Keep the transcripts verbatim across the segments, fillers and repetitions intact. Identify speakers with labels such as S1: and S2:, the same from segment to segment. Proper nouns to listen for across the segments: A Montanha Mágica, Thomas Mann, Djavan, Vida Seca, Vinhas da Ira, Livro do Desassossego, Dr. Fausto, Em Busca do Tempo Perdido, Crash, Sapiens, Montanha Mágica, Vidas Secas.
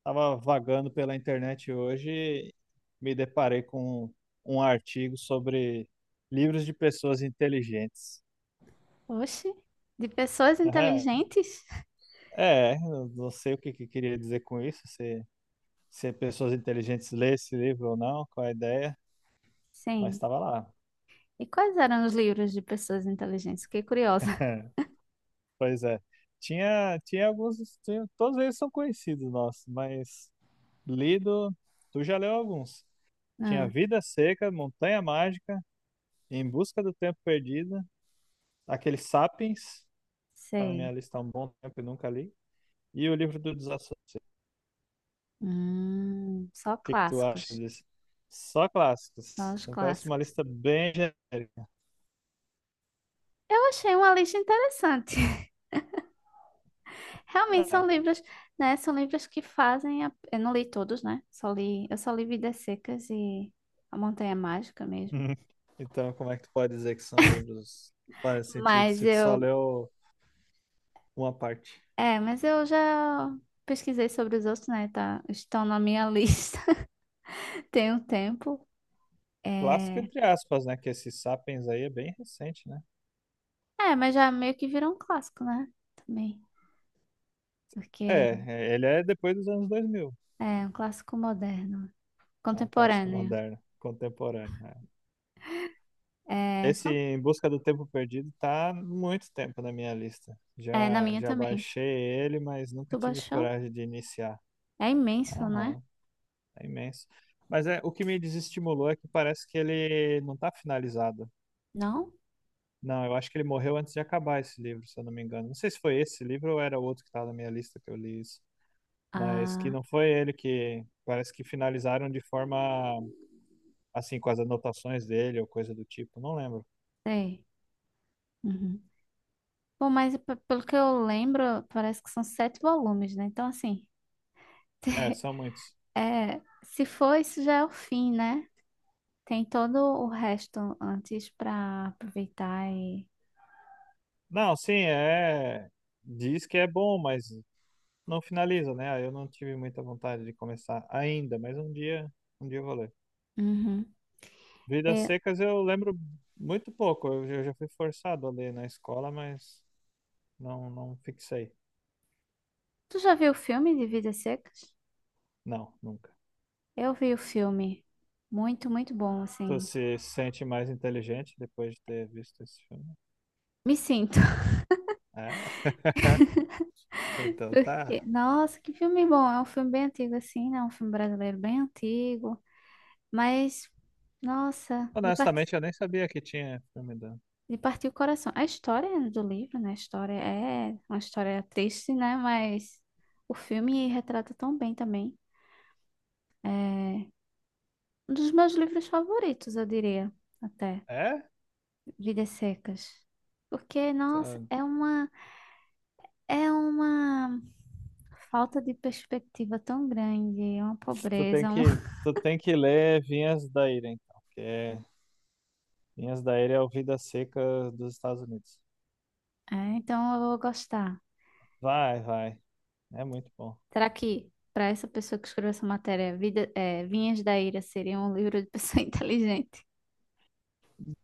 S1: Estava vagando pela internet hoje e me deparei com um artigo sobre livros de pessoas inteligentes.
S2: Oxe, de pessoas inteligentes?
S1: É, eu não sei o que que queria dizer com isso, se, se pessoas inteligentes lê esse livro ou não, qual a ideia, mas
S2: Sim.
S1: estava lá.
S2: E quais eram os livros de pessoas inteligentes? Fiquei curiosa.
S1: Pois é. Tinha, tinha alguns, tinha- todos eles são conhecidos nossos, mas lido, tu já leu alguns. Tinha
S2: Ah,
S1: Vida Seca, Montanha Mágica, Em Busca do Tempo Perdido, aquele Sapiens. Tá na minha
S2: sei.
S1: lista há um bom tempo e nunca li. E o livro do Desassossego.
S2: Hum, só
S1: O que que tu acha
S2: clássicos.
S1: disso? Só clássicos,
S2: Só os
S1: assim. Parece uma
S2: clássicos.
S1: lista bem genérica.
S2: Eu achei uma lista interessante. Realmente são
S1: É.
S2: livros, né? São livros que fazem. a- Eu não li todos, né? Só li... Eu só li Vidas Secas e A Montanha Mágica mesmo.
S1: Então, como é que tu pode dizer que são livros que fazem sentido
S2: Mas
S1: se tu só
S2: eu.
S1: leu uma parte?
S2: É, mas eu já pesquisei sobre os outros, né? Tá... Estão na minha lista tem um tempo.
S1: Clássico
S2: É,
S1: entre aspas, né? Que esse Sapiens aí é bem recente, né?
S2: É, mas já meio que virou um clássico, né? Também.
S1: É,
S2: Porque
S1: é, ele é depois dos anos dois mil.
S2: é um clássico moderno,
S1: É um clássico
S2: contemporâneo.
S1: moderno, contemporâneo, né?
S2: É,
S1: Esse
S2: são.
S1: Em Busca do Tempo Perdido tá há muito tempo na minha lista.
S2: É na
S1: Já,
S2: minha
S1: já
S2: também.
S1: baixei ele, mas nunca
S2: Tu
S1: tive
S2: baixou?
S1: coragem de iniciar.
S2: É imenso, né?
S1: Aham, é imenso. Mas é, o que me desestimulou é que parece que ele não tá finalizado.
S2: Não?
S1: Não, eu acho que ele morreu antes de acabar esse livro, se eu não me engano. Não sei se foi esse livro ou era outro que estava na minha lista que eu li isso. Mas que
S2: Ah,
S1: não foi ele, que parece que finalizaram de forma assim, com as anotações dele ou coisa do tipo, não lembro.
S2: sei. Uhum. Bom, mas pe- pelo que eu lembro, parece que são sete volumes, né? Então, assim,
S1: É, são muitos.
S2: é, se for, isso já é o fim, né? Tem todo o resto antes pra aproveitar e.
S1: Não, sim, é. Diz que é bom, mas não finaliza, né? Aí eu não tive muita vontade de começar ainda, mas um dia, um dia eu vou ler.
S2: Uhum.
S1: Vidas
S2: E-
S1: Secas eu lembro muito pouco. Eu, eu já fui forçado a ler na escola, mas não, não fixei.
S2: tu já viu o filme de Vidas Secas?
S1: Não, nunca.
S2: Eu vi o filme. Muito, muito bom,
S1: Tu
S2: assim.
S1: se sente mais inteligente depois de ter visto esse filme?
S2: Me sinto.
S1: É? Então
S2: Porque,
S1: tá.
S2: nossa, que filme bom. É um filme bem antigo, assim, né? Um filme brasileiro bem antigo. Mas, nossa, de partir,
S1: Honestamente, eu nem sabia que tinha filme da.
S2: de partir o coração. A história do livro, né? A história é uma história triste, né? Mas o filme retrata tão bem também. Um dos meus livros favoritos, eu diria, até.
S1: É?
S2: Vidas Secas. Porque,
S1: Tu
S2: nossa, é uma É uma falta de perspectiva tão grande, é uma
S1: tu tem
S2: pobreza. um-
S1: que, tu tem que ler Vinhas da Ira, então, porque é. Vinhas da Ilha é o Vida Seca dos Estados Unidos.
S2: É, então eu vou gostar.
S1: Vai, vai. É muito bom.
S2: Será que para essa pessoa que escreveu essa matéria, Vida, é, Vinhas da Ira seria um livro de pessoa inteligente?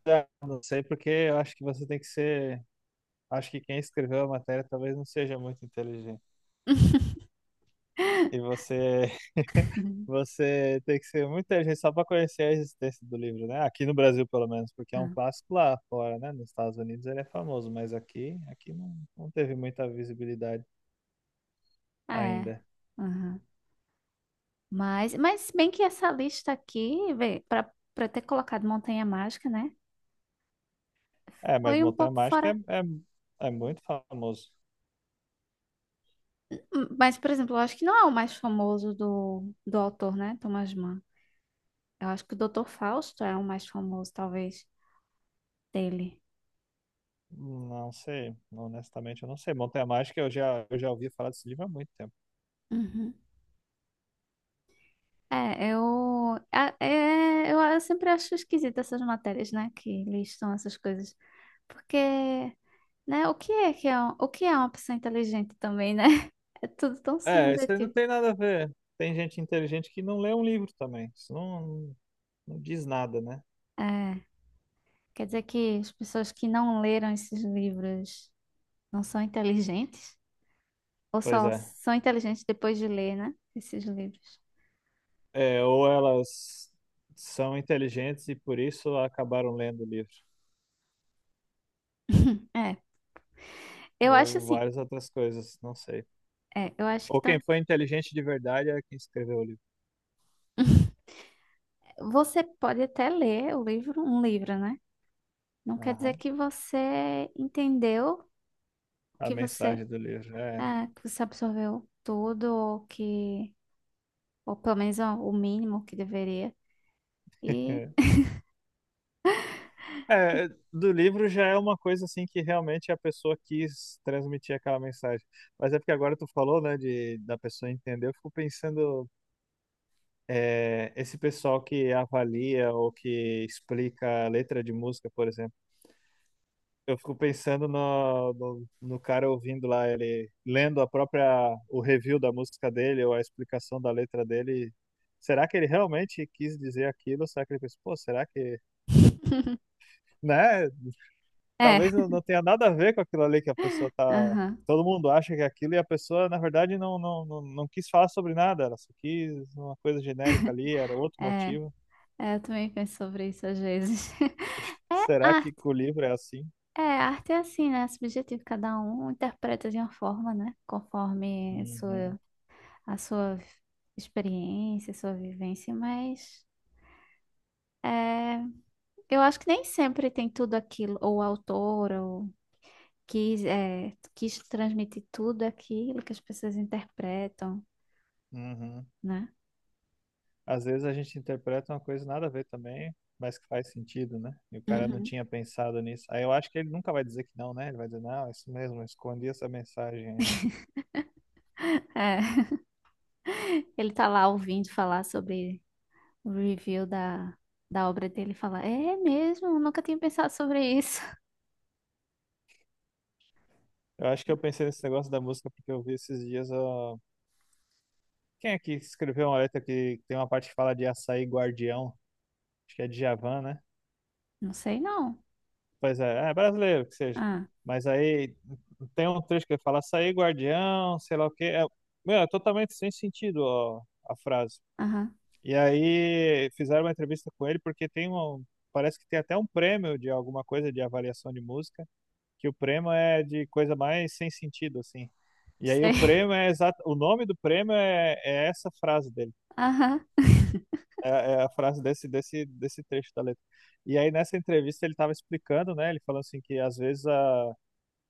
S1: É, não sei, porque eu acho que você tem que ser. Acho que quem escreveu a matéria talvez não seja muito inteligente. E você, você tem que ser muito inteligente só para conhecer a existência do livro, né? Aqui no Brasil, pelo menos, porque é um clássico lá fora, né? Nos Estados Unidos ele é famoso, mas aqui, aqui, não, não teve muita visibilidade
S2: Ah, é.
S1: ainda.
S2: Aham. Mas, mas se bem que essa lista aqui, para para ter colocado Montanha Mágica, né?
S1: É, mas
S2: Foi um
S1: Montanha
S2: pouco
S1: Mágica
S2: fora.
S1: é, é, é muito famoso.
S2: Hum, Mas, por exemplo, eu acho que não é o mais famoso do, do autor, né? Thomas Mann. Eu acho que o doutor Fausto é o mais famoso, talvez, dele.
S1: Não sei, honestamente eu não sei. Montanha Mágica eu já, eu já ouvi falar desse livro há muito tempo.
S2: Uhum. É, eu, a- é, eu, eu sempre acho esquisito essas matérias, né, que listam essas coisas. Porque, né, o que é que é, um- o que é uma pessoa inteligente também, né? É tudo tão
S1: É, isso aí não
S2: subjetivo.
S1: tem nada a ver. Tem gente inteligente que não lê um livro também. Isso não, não diz nada, né?
S2: É, quer dizer que as pessoas que não leram esses livros não são inteligentes? Ou
S1: Pois
S2: só
S1: é.
S2: são inteligentes depois de ler, né, esses livros?
S1: É, ou elas são inteligentes e por isso acabaram lendo o livro.
S2: É, eu acho
S1: Ou
S2: assim,
S1: várias outras coisas, não sei.
S2: é, eu acho que
S1: Ou
S2: tá.
S1: quem foi inteligente de verdade é quem escreveu o livro.
S2: Você pode até ler o livro, um livro, né? Não quer dizer
S1: Aham.
S2: que você entendeu,
S1: A
S2: que você,
S1: mensagem do livro. É.
S2: é, que você absorveu tudo, ou que, ou pelo menos ó, o mínimo que deveria. E
S1: É, do livro já é uma coisa assim que realmente é a pessoa quis transmitir aquela mensagem. Mas é porque agora tu falou, né, de, da pessoa entender, eu fico pensando, é, esse pessoal que avalia ou que explica a letra de música, por exemplo, eu fico pensando no, no, no cara ouvindo lá, ele lendo a própria, o review da música dele ou a explicação da letra dele. Será que ele realmente quis dizer aquilo? Será que ele pensou, pô, será que, né?
S2: é,
S1: Talvez não, não tenha nada a ver com aquilo ali que a pessoa tá.
S2: aham,
S1: Todo mundo acha que é aquilo e a pessoa, na verdade, não, não, não, não quis falar sobre nada, ela só quis uma coisa genérica ali, era outro
S2: é,
S1: motivo.
S2: é, eu também penso sobre isso às vezes. É
S1: Será que
S2: arte,
S1: com o livro é assim?
S2: é arte é assim, né? É subjetivo, cada um interpreta de uma forma, né? Conforme a
S1: Uhum,
S2: sua, a sua experiência, sua vivência, mas é. Eu acho que nem sempre tem tudo aquilo, ou o autor, ou quis, é, quis transmitir tudo aquilo que as pessoas interpretam,
S1: uhum.
S2: né?
S1: Às vezes a gente interpreta uma coisa nada a ver também, mas que faz sentido, né? E o cara não
S2: Uhum.
S1: tinha pensado nisso. Aí eu acho que ele nunca vai dizer que não, né? Ele vai dizer, não, é isso mesmo, eu escondi essa mensagem, aí.
S2: É, ele tá lá ouvindo falar sobre o review da, da obra dele e fala, é mesmo, Eu nunca tinha pensado sobre isso.
S1: Eu acho que eu pensei nesse negócio da música porque eu vi esses dias, ó. Quem é que escreveu uma letra que tem uma parte que fala de açaí guardião? Acho que é Djavan, né?
S2: Não sei não.
S1: Pois é, é brasileiro que seja.
S2: Ah,
S1: Mas aí tem um trecho que fala açaí guardião, sei lá o quê. É, meu, é totalmente sem sentido, ó, a frase.
S2: aham,
S1: E aí fizeram uma entrevista com ele, porque tem um, parece que tem até um prêmio de alguma coisa de avaliação de música, que o prêmio é de coisa mais sem sentido, assim. E aí o
S2: sei.
S1: prêmio é exato, o nome do prêmio é é essa frase dele.
S2: Aham,
S1: É, é a frase desse, desse, desse trecho da letra. E aí, nessa entrevista, ele estava explicando, né? Ele falando assim que às vezes a,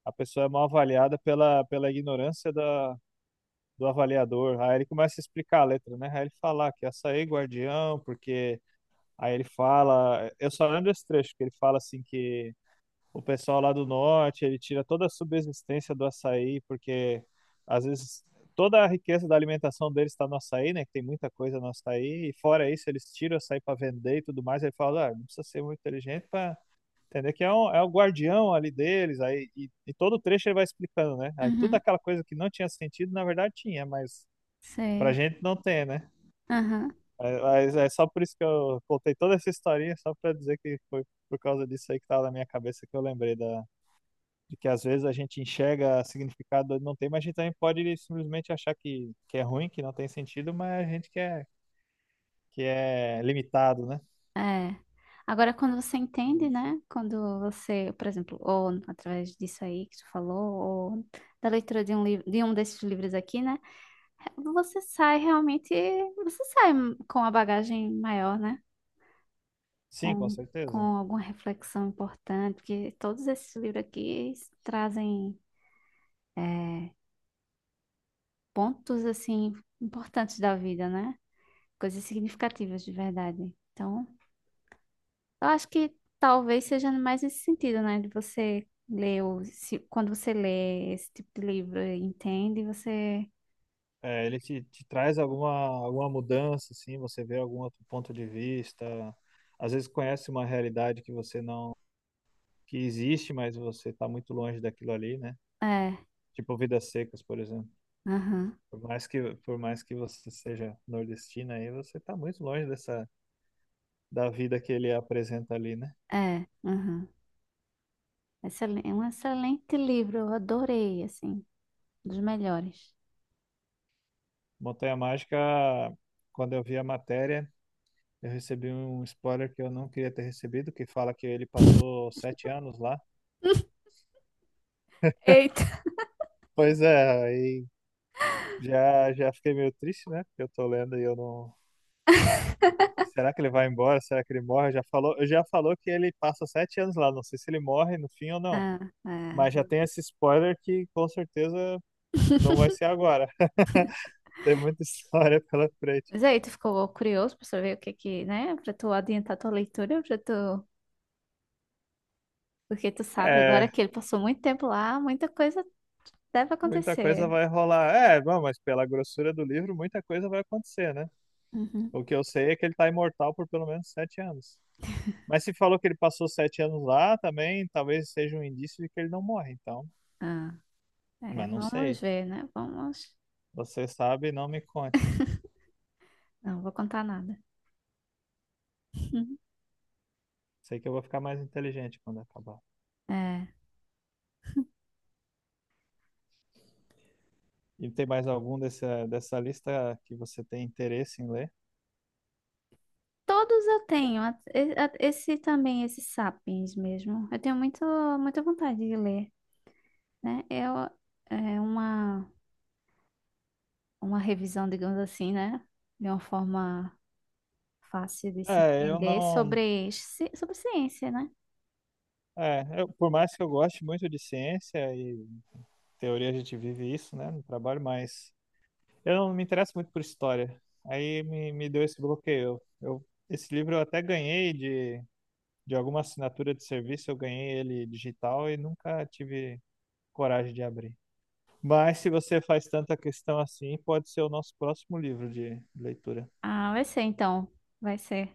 S1: a pessoa é mal avaliada pela, pela ignorância da, do avaliador. Aí ele começa a explicar a letra, né? Aí ele fala que açaí é guardião, porque. Aí ele fala. Eu só lembro desse trecho, que ele fala assim que o pessoal lá do norte, ele tira toda a subsistência do açaí, porque às vezes toda a riqueza da alimentação deles está no açaí, né? Que tem muita coisa no açaí, e fora isso, eles tiram o açaí para vender e tudo mais. Aí fala, ah, não precisa ser muito inteligente para entender que é, um, é o guardião ali deles. Aí, e, e todo o trecho ele vai explicando, né? Aí tudo
S2: uhum,
S1: aquela coisa que não tinha sentido, na verdade tinha, mas pra
S2: sei.
S1: gente não tem, né?
S2: Aham.
S1: É, mas é só por isso que eu contei toda essa historinha, só pra dizer que foi por causa disso aí que tava na minha cabeça que eu lembrei da, de que às vezes a gente enxerga significado não tem, mas a gente também pode simplesmente achar que, que é ruim, que não tem sentido, mas a gente que é, que é limitado, né?
S2: É. Agora, quando você entende, né? Quando você, por exemplo, ou através disso aí que tu falou, ou da leitura de um livro, de um desses livros aqui, né? Você sai realmente, você sai com a bagagem maior, né?
S1: Sim, com
S2: Com, com
S1: certeza.
S2: alguma reflexão importante, porque todos esses livros aqui trazem é, pontos, assim, importantes da vida, né? Coisas significativas de verdade. Então, Eu acho que talvez seja mais esse sentido, né? De você ler, o, se- quando você lê esse tipo de livro e entende, você.
S1: É, ele te, te, traz alguma, alguma mudança, assim, você vê algum outro ponto de vista, às vezes conhece uma realidade que você não, que existe, mas você está muito longe daquilo ali, né?
S2: É,
S1: Tipo Vidas Secas, por exemplo.
S2: aham,
S1: Por mais que, por mais que você seja nordestina aí, você está muito longe dessa, da vida que ele apresenta ali, né?
S2: é, aham. Excelen- É um excelente livro, eu adorei, assim, dos melhores.
S1: Montanha Mágica, quando eu vi a matéria, eu recebi um spoiler que eu não queria ter recebido, que fala que ele passou sete anos lá.
S2: Eita.
S1: Pois é, aí já, já fiquei meio triste, né? Porque eu tô lendo e eu não. Será que ele vai embora? Será que ele morre? Já falou, já falou que ele passa sete anos lá. Não sei se ele morre no fim ou não.
S2: Ah,
S1: Mas já
S2: é.
S1: tem esse spoiler que com certeza não vai ser agora. Tem muita história pela frente.
S2: Mas aí, tu ficou curioso pra saber o que que, né? Pra tu adiantar tua leitura, pra tu. Porque tu sabe agora
S1: É,
S2: que ele passou muito tempo lá, muita coisa deve
S1: muita coisa
S2: acontecer.
S1: vai rolar. É, bom, mas pela grossura do livro, muita coisa vai acontecer, né?
S2: Uhum.
S1: O que eu sei é que ele tá imortal por pelo menos sete anos. Mas se falou que ele passou sete anos lá também, talvez seja um indício de que ele não morre, então.
S2: Ah. É,
S1: Mas não
S2: vamos
S1: sei.
S2: ver, né? Vamos.
S1: Você sabe, não me conte.
S2: Não vou contar nada.
S1: Sei que eu vou ficar mais inteligente quando acabar.
S2: É.
S1: E tem mais algum dessa, dessa lista que você tem interesse em ler?
S2: Todos eu tenho. a- e- a- Esse também, esses sapiens mesmo. Eu tenho muito, muita vontade de ler, né? Eu, é uma, uma revisão, digamos assim, né? De uma forma fácil de se
S1: É, eu
S2: entender
S1: não.
S2: sobre, ci- sobre ciência, né?
S1: É, eu- por mais que eu goste muito de ciência e teoria, a gente vive isso, né, no trabalho, mas eu não me interesso muito por história. Aí me, me, deu esse bloqueio. Eu, esse livro eu até ganhei de de alguma assinatura de serviço, eu ganhei ele digital e nunca tive coragem de abrir. Mas se você faz tanta questão assim, pode ser o nosso próximo livro de leitura.
S2: Ah, vai ser então. Vai ser.